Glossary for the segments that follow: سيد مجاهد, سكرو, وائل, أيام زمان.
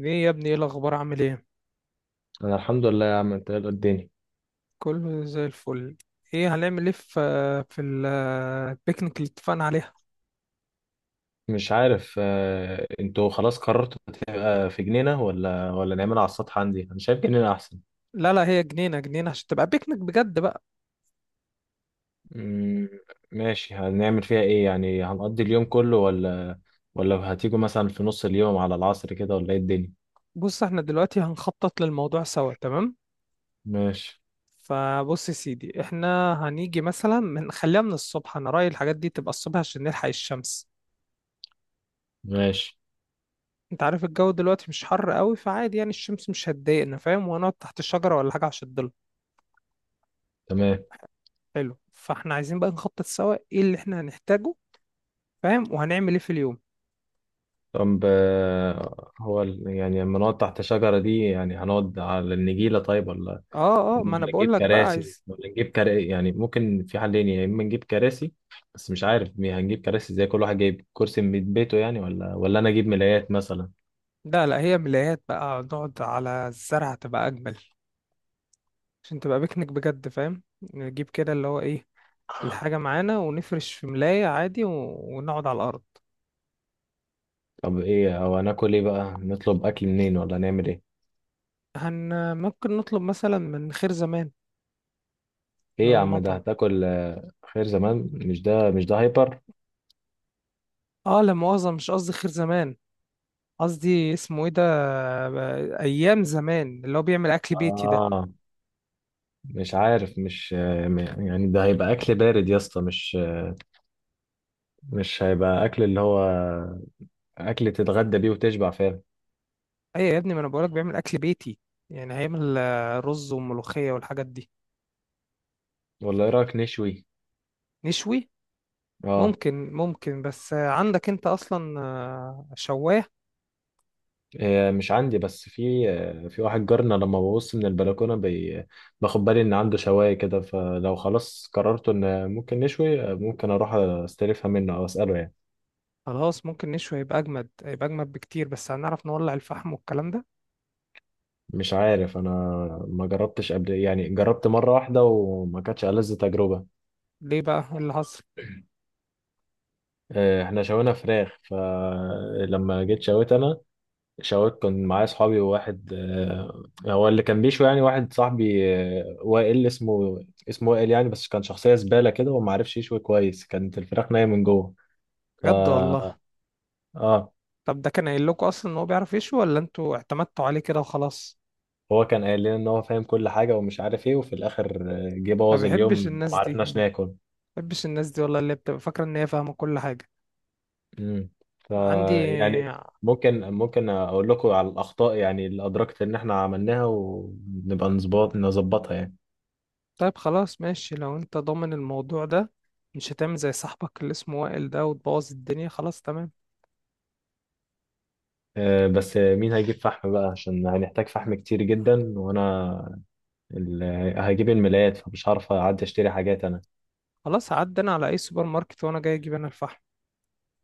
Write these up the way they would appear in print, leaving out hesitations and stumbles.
ايه يا ابني؟ ايه الاخبار؟ عامل ايه؟ انا الحمد لله يا عم. انت إيه اللي الدنيا؟ كله زي الفل. ايه هنعمل؟ ايه في ال- البيكنيك اللي اتفقنا عليها؟ مش عارف، انتوا خلاص قررتوا تبقى في جنينة ولا نعملها على السطح؟ عندي انا شايف جنينة احسن. لا لا، هي جنينه جنينه عشان تبقى بيكنيك بجد بقى. مم، ماشي. هنعمل فيها ايه؟ يعني هنقضي اليوم كله ولا هتيجوا مثلا في نص اليوم على العصر كده، ولا ايه الدنيا؟ بص، احنا دلوقتي هنخطط للموضوع سوا، تمام؟ ماشي، فبص يا سيدي، احنا هنيجي مثلا من... خليها من الصبح، انا رايي الحاجات دي تبقى الصبح عشان نلحق الشمس. ماشي. انت عارف الجو دلوقتي مش حر قوي، فعادي يعني الشمس مش هتضايقنا، فاهم؟ وهنقعد تحت الشجره ولا حاجه عشان الضل. تمام. حلو، فاحنا عايزين بقى نخطط سوا ايه اللي احنا هنحتاجه، فاهم؟ وهنعمل ايه في اليوم. طب، هو يعني لما نقعد تحت شجرة دي، يعني هنقعد على النجيلة طيب ولا اه اه، ما انا ولا بقول نجيب لك بقى كراسي؟ عايز. يعني ممكن في حلين، يا اما نجيب كراسي بس مش عارف هنجيب كراسي زي كل واحد جايب كرسي من بيته يعني، ولا انا اجيب ملايات مثلا. لا لا، هي ملايات بقى، نقعد على الزرع تبقى اجمل عشان تبقى بيكنيك بجد، فاهم؟ نجيب كده اللي هو ايه... الحاجة معانا ونفرش في ملاية عادي و... ونقعد على الأرض. طب ايه، او هناكل ايه بقى؟ نطلب اكل منين ولا نعمل ايه؟ هن... ممكن نطلب مثلا من خير زمان، اللي ايه هو يا عم ده المطعم. هتاكل؟ خير زمان؟ مش ده هايبر. اه، لا مؤاخذة، مش قصدي خير زمان، قصدي اسمه ايه ده... أيام زمان، اللي هو بيعمل أكل بيتي ده. اه. مش عارف. مش آه، م- يعني ده هيبقى اكل بارد يا اسطى، مش هيبقى اكل اللي هو اكل تتغدى بيه وتشبع فعلا؟ أيوة يا ابني، ما أنا بقولك بيعمل أكل بيتي، يعني هيعمل رز وملوخية والحاجات دي. ولا ايه رايك نشوي؟ نشوي؟ اه. ممكن ممكن، بس عندك انت اصلا شواه؟ مش عندي بس في، في واحد جارنا لما ببص من البلكونة باخد بالي إن عنده شواية كده، فلو خلاص قررت إن ممكن نشوي، ممكن أروح أستلفها منه أو أسأله يعني. خلاص ممكن نشوي، يبقى اجمد، يبقى اجمد بكتير، بس هنعرف نولع الفحم والكلام ده؟ مش عارف أنا، ما جربتش قبل يعني، جربت مرة واحدة وما كانتش ألذ تجربة. ليه بقى؟ ايه اللي حصل؟ إحنا شوينا فراخ، فلما جيت شويت أنا شاورت، كنت معايا اصحابي وواحد، هو اللي كان بيشوي، يعني واحد صاحبي، وائل اسمه وائل يعني، بس كان شخصية زبالة كده وما عرفش يشوي كويس، كانت الفراخ نية من جوه. ف بجد والله؟ اه. طب ده كان قايل لكم اصلا ان هو بيعرف يشوي ولا انتوا اعتمدتوا عليه كده وخلاص؟ هو كان قايل لنا ان هو فاهم كل حاجة ومش عارف ايه، وفي الاخر جه ما بوظ بحبش اليوم وما الناس دي عرفناش ما ناكل. بحبش الناس دي والله، اللي بتبقى فاكره ان هي فاهمه كل حاجه. امم ف عندي. يعني ممكن اقول لكم على الاخطاء، يعني اللي ادركت ان احنا عملناها، ونبقى نظبطها يعني. طيب خلاص، ماشي، لو انت ضامن الموضوع ده، مش هتعمل زي صاحبك اللي اسمه وائل ده وتبوظ الدنيا، خلاص تمام. بس مين هيجيب فحم بقى؟ عشان هنحتاج فحم كتير جدا، وانا هجيب الملايات، فمش هعرف اعدي اشتري حاجات انا. خلاص هعدي انا على اي سوبر ماركت وانا جاي، اجيب انا الفحم،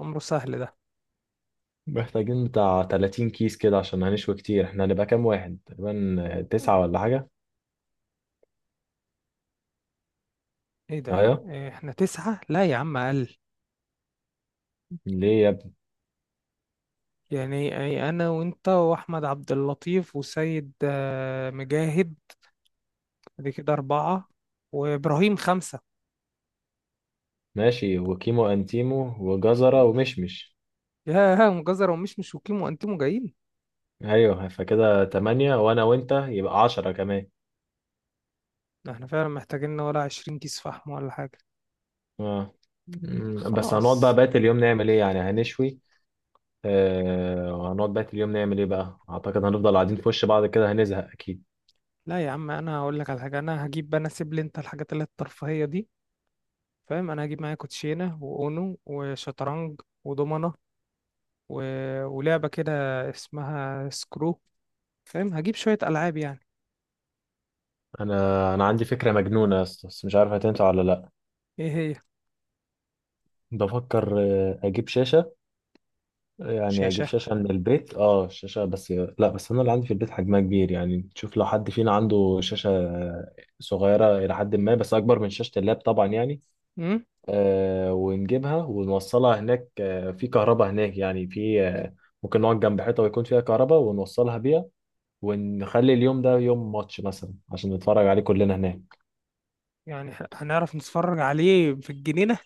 أمره سهل ده. محتاجين بتاع 30 كيس كده عشان هنشوي كتير. احنا هنبقى كام واحد تقريبا؟ تسعة ولا حاجة؟ إيه ده؟ ايوه. إيه، إحنا تسعة؟ لا يا عم، أقل. ليه يا ابني؟ يعني أنا وأنت وأحمد عبد اللطيف وسيد مجاهد، دي كده أربعة، وإبراهيم خمسة. ماشي، وكيمو انتيمو وجزرة ومشمش. يا مجزر ومش مشوكين وأنتم جايين. ايوه، فكده تمانية، وانا وانت يبقى 10 كمان. ده إحنا فعلا محتاجين لنا ولا 20 كيس فحم ولا حاجة. اه. بس هنقعد بقى خلاص، بقية اليوم نعمل ايه؟ يعني هنشوي؟ وهنقعد بقى اليوم نعمل ايه بقى؟ اعتقد هنفضل قاعدين في وش بعض كده، هنزهق اكيد. لا يا عم، أنا هقول لك على حاجة. أنا هجيب، أنا سيب لي أنت الحاجات اللي هي الترفيهية دي، فاهم؟ أنا هجيب معايا كوتشينة وأونو وشطرنج ودومنة و... ولعبة كده اسمها سكرو، فاهم؟ هجيب شوية ألعاب يعني. انا عندي فكره مجنونه يا اسطى، بس مش عارف هتنفع ولا لا. إيه هي؟ بفكر اجيب شاشه، يعني اجيب شاشة؟ شاشه من البيت، اه شاشه، بس لا، بس انا اللي عندي في البيت حجمها كبير. يعني تشوف لو حد فينا عنده شاشه صغيره الى حد ما، بس اكبر من شاشه اللاب طبعا يعني. امم. ونجيبها ونوصلها هناك. في كهرباء هناك يعني؟ في، ممكن نقعد جنب حيطه ويكون فيها كهرباء ونوصلها بيها، ونخلي اليوم ده يوم ماتش مثلا عشان نتفرج عليه كلنا هناك. يعني هنعرف نتفرج عليه في الجنينة؟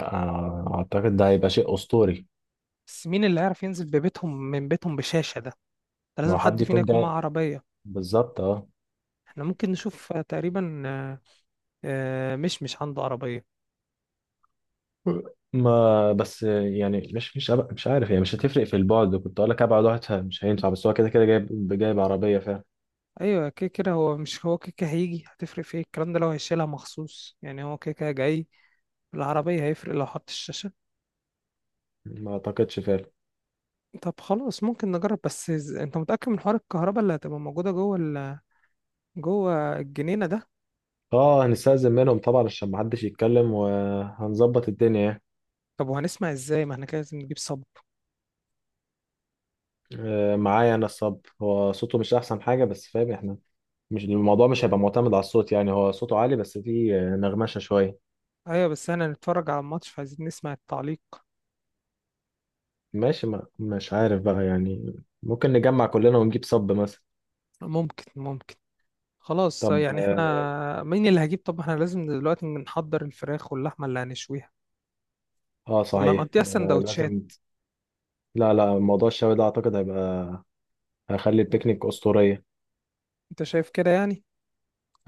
اعتقد ده هيبقى شيء اسطوري. بس مين اللي هيعرف ينزل ببيتهم من بيتهم بشاشة ده؟ ده ما لازم هو حد حد فينا يكون يكون جاي، معاه عربية. بالظبط اه. احنا ممكن نشوف تقريبا، مش عنده عربية. ما بس يعني، مش عارف يعني، مش هتفرق في البعد. كنت اقول لك ابعد واحد مش هينفع، بس هو كده كده جايب عربيه فعلا. أيوة، كده كده هو مش... هو كده كده هيجي، هتفرق في ايه الكلام ده؟ لو هيشيلها مخصوص يعني، هو كده كده جاي العربية، هيفرق لو حط الشاشة. ما اعتقدش فعلا. طب خلاص ممكن نجرب، بس انت متأكد من حوار الكهرباء اللي هتبقى موجودة جوه ال... جوه الجنينة ده؟ اه. هنستأذن منهم طبعا عشان ما حدش يتكلم، وهنظبط الدنيا يعني. طب وهنسمع ازاي؟ ما احنا كده لازم نجيب صب. معايا انا الصب، هو صوته مش احسن حاجه بس فاهم، احنا مش الموضوع مش هيبقى معتمد على الصوت، يعني هو صوته عالي بس فيه نغمشه شويه. ايوه بس احنا نتفرج على الماتش، فعايزين نسمع التعليق. ماشي. ما مش عارف بقى يعني، ممكن نجمع كلنا ونجيب صب مثلا. ممكن ممكن. خلاص، طب، يعني اه. احنا مين اللي هجيب؟ طب احنا لازم دلوقتي نحضر الفراخ واللحمه اللي هنشويها ولا صحيح، نقضيها آه سندوتشات؟ لازم. لا، لا، موضوع الشوي ده اعتقد هيخلي البيكنيك اسطورية. انت شايف كده يعني؟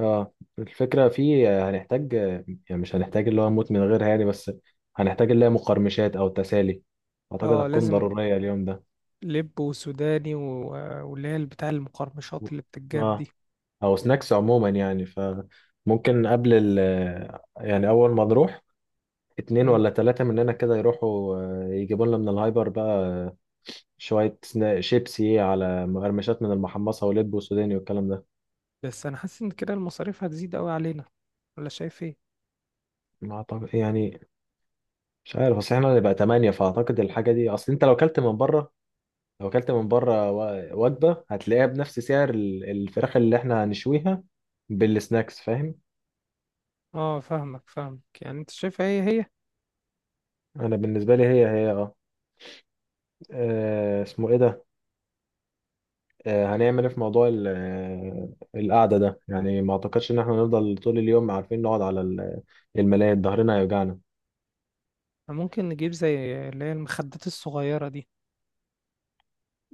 اه الفكرة فيه، هنحتاج، يعني مش هنحتاج اللي هو نموت من غيرها يعني، بس هنحتاج اللي هي مقرمشات او تسالي، اعتقد اه هتكون لازم. ضرورية اليوم ده. لب وسوداني واللي هي بتاع المقرمشات اللي بتتجاب اه، دي. او سناكس عموما يعني. فممكن قبل يعني اول ما نروح، اتنين مم. ولا تلاتة مننا كده يروحوا يجيبوا لنا من الهايبر بقى، شوية شيبسي على مقرمشات من المحمصة ولب وسوداني والكلام ده. بس انا حاسس ان كده المصاريف هتزيد قوي علينا، ولا شايف ايه؟ ما أعتقد يعني، مش عارف. أصل إحنا هنبقى تمانية فأعتقد الحاجة دي، أصل أنت لو أكلت من بره وجبة هتلاقيها بنفس سعر الفراخ اللي إحنا هنشويها بالسناكس فاهم. اه فاهمك فاهمك، يعني انت شايف ايه هي؟ أنا بالنسبة لي هي هي أه. اسمه إيه ده؟ هنعمل ايه في موضوع القعدة ده يعني؟ ما اعتقدش ان احنا نفضل طول اليوم عارفين نقعد على الملاية، ظهرنا هيوجعنا. ممكن نجيب زي اللي هي المخدات الصغيرة دي.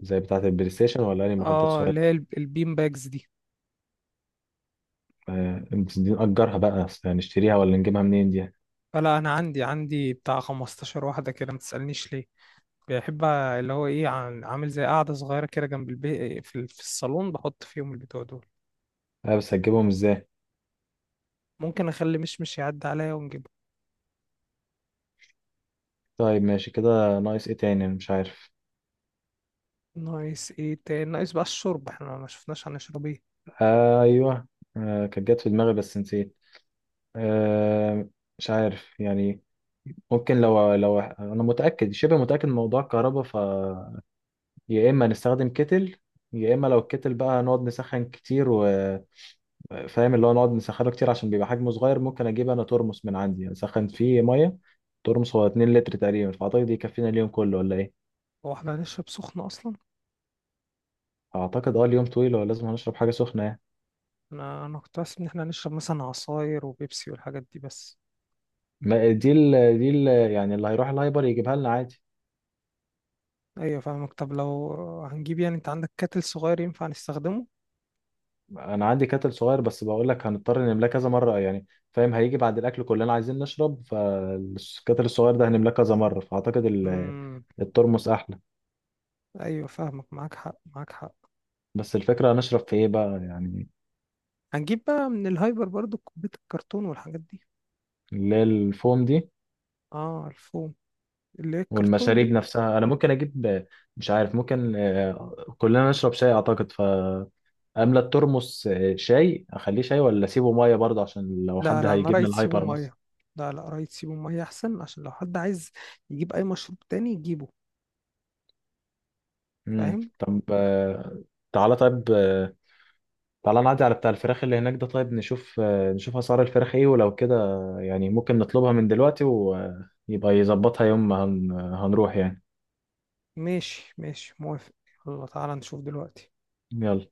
زي بتاعة البلاي ستيشن ولا اي مخدات اه، صغيرة؟ اللي هي البين باجز دي. بس دي نأجرها بقى؟ أصل هنشتريها ولا نجيبها منين دي؟ فلا، انا عندي بتاع 15 واحده كده، ما تسالنيش ليه. بحب اللي هو ايه، عامل زي قاعده صغيره كده جنب البيت في، في الصالون بحط فيهم البتوع دول. بس هتجيبهم ازاي؟ ممكن اخلي مشمش يعدي عليا ونجيبه. طيب ماشي كده. ناقص ايه تاني، أنا مش عارف. ناقص ايه تاني؟ ناقص بقى الشرب، احنا ما شفناش هنشرب ايه. آه ايوه. آه كانت جت في دماغي بس نسيت. آه، مش عارف يعني. ممكن لو انا متأكد شبه متأكد من موضوع الكهرباء، يا اما نستخدم كتل، يا اما لو الكتل بقى نقعد نسخن كتير وفاهم، اللي هو نقعد نسخنه كتير عشان بيبقى حجمه صغير. ممكن اجيب انا ترمس من عندي اسخن فيه ميه. ترمس هو 2 لتر تقريبا، فاعتقد يكفينا اليوم كله ولا ايه؟ هو احنا هنشرب سخن اصلا؟ اعتقد، اه اليوم طويل ولازم هنشرب حاجه سخنه يعني. انا كنت حاسس ان احنا هنشرب مثلا عصاير وبيبسي والحاجات دي بس. ما دي ال دي يعني اللي هيروح الهايبر يجيبها لنا عادي. ايوه فاهمك. طب لو هنجيب، يعني انت عندك كاتل صغير ينفع نستخدمه؟ انا عندي كتل صغير، بس بقول لك هنضطر نملاه كذا مره يعني فاهم. هيجي بعد الاكل كلنا عايزين نشرب، فالكتل الصغير ده هنملاه كذا مره، فاعتقد امم. الترمس احلى. ايوه فاهمك، معاك حق معاك حق. بس الفكرة هنشرب في ايه بقى يعني؟ هنجيب بقى من الهايبر برضو كوباية الكرتون والحاجات دي. اللي هي الفوم دي. اه الفوم، اللي هي الكرتون والمشاريب دي. نفسها انا ممكن اجيب. مش عارف، ممكن كلنا نشرب شاي اعتقد، فاملى الترمس شاي. اخليه شاي ولا اسيبه ميه برضه عشان لو لا حد لا، انا هيجيب من رايت سيبه الهايبر مثلا؟ ميه. لا لا، رايت سيبه ميه احسن عشان لو حد عايز يجيب اي مشروب تاني يجيبه، فاهم؟ طب، تعالى. طيب تعالى نعدي على بتاع الفراخ اللي هناك ده، طيب نشوف نشوف اسعار الفراخ ايه ولو كده. يعني ممكن نطلبها من دلوقتي ويبقى يظبطها يوم ما هنروح يعني. ماشي ماشي موافق. يلا تعالى نشوف دلوقتي. يلا.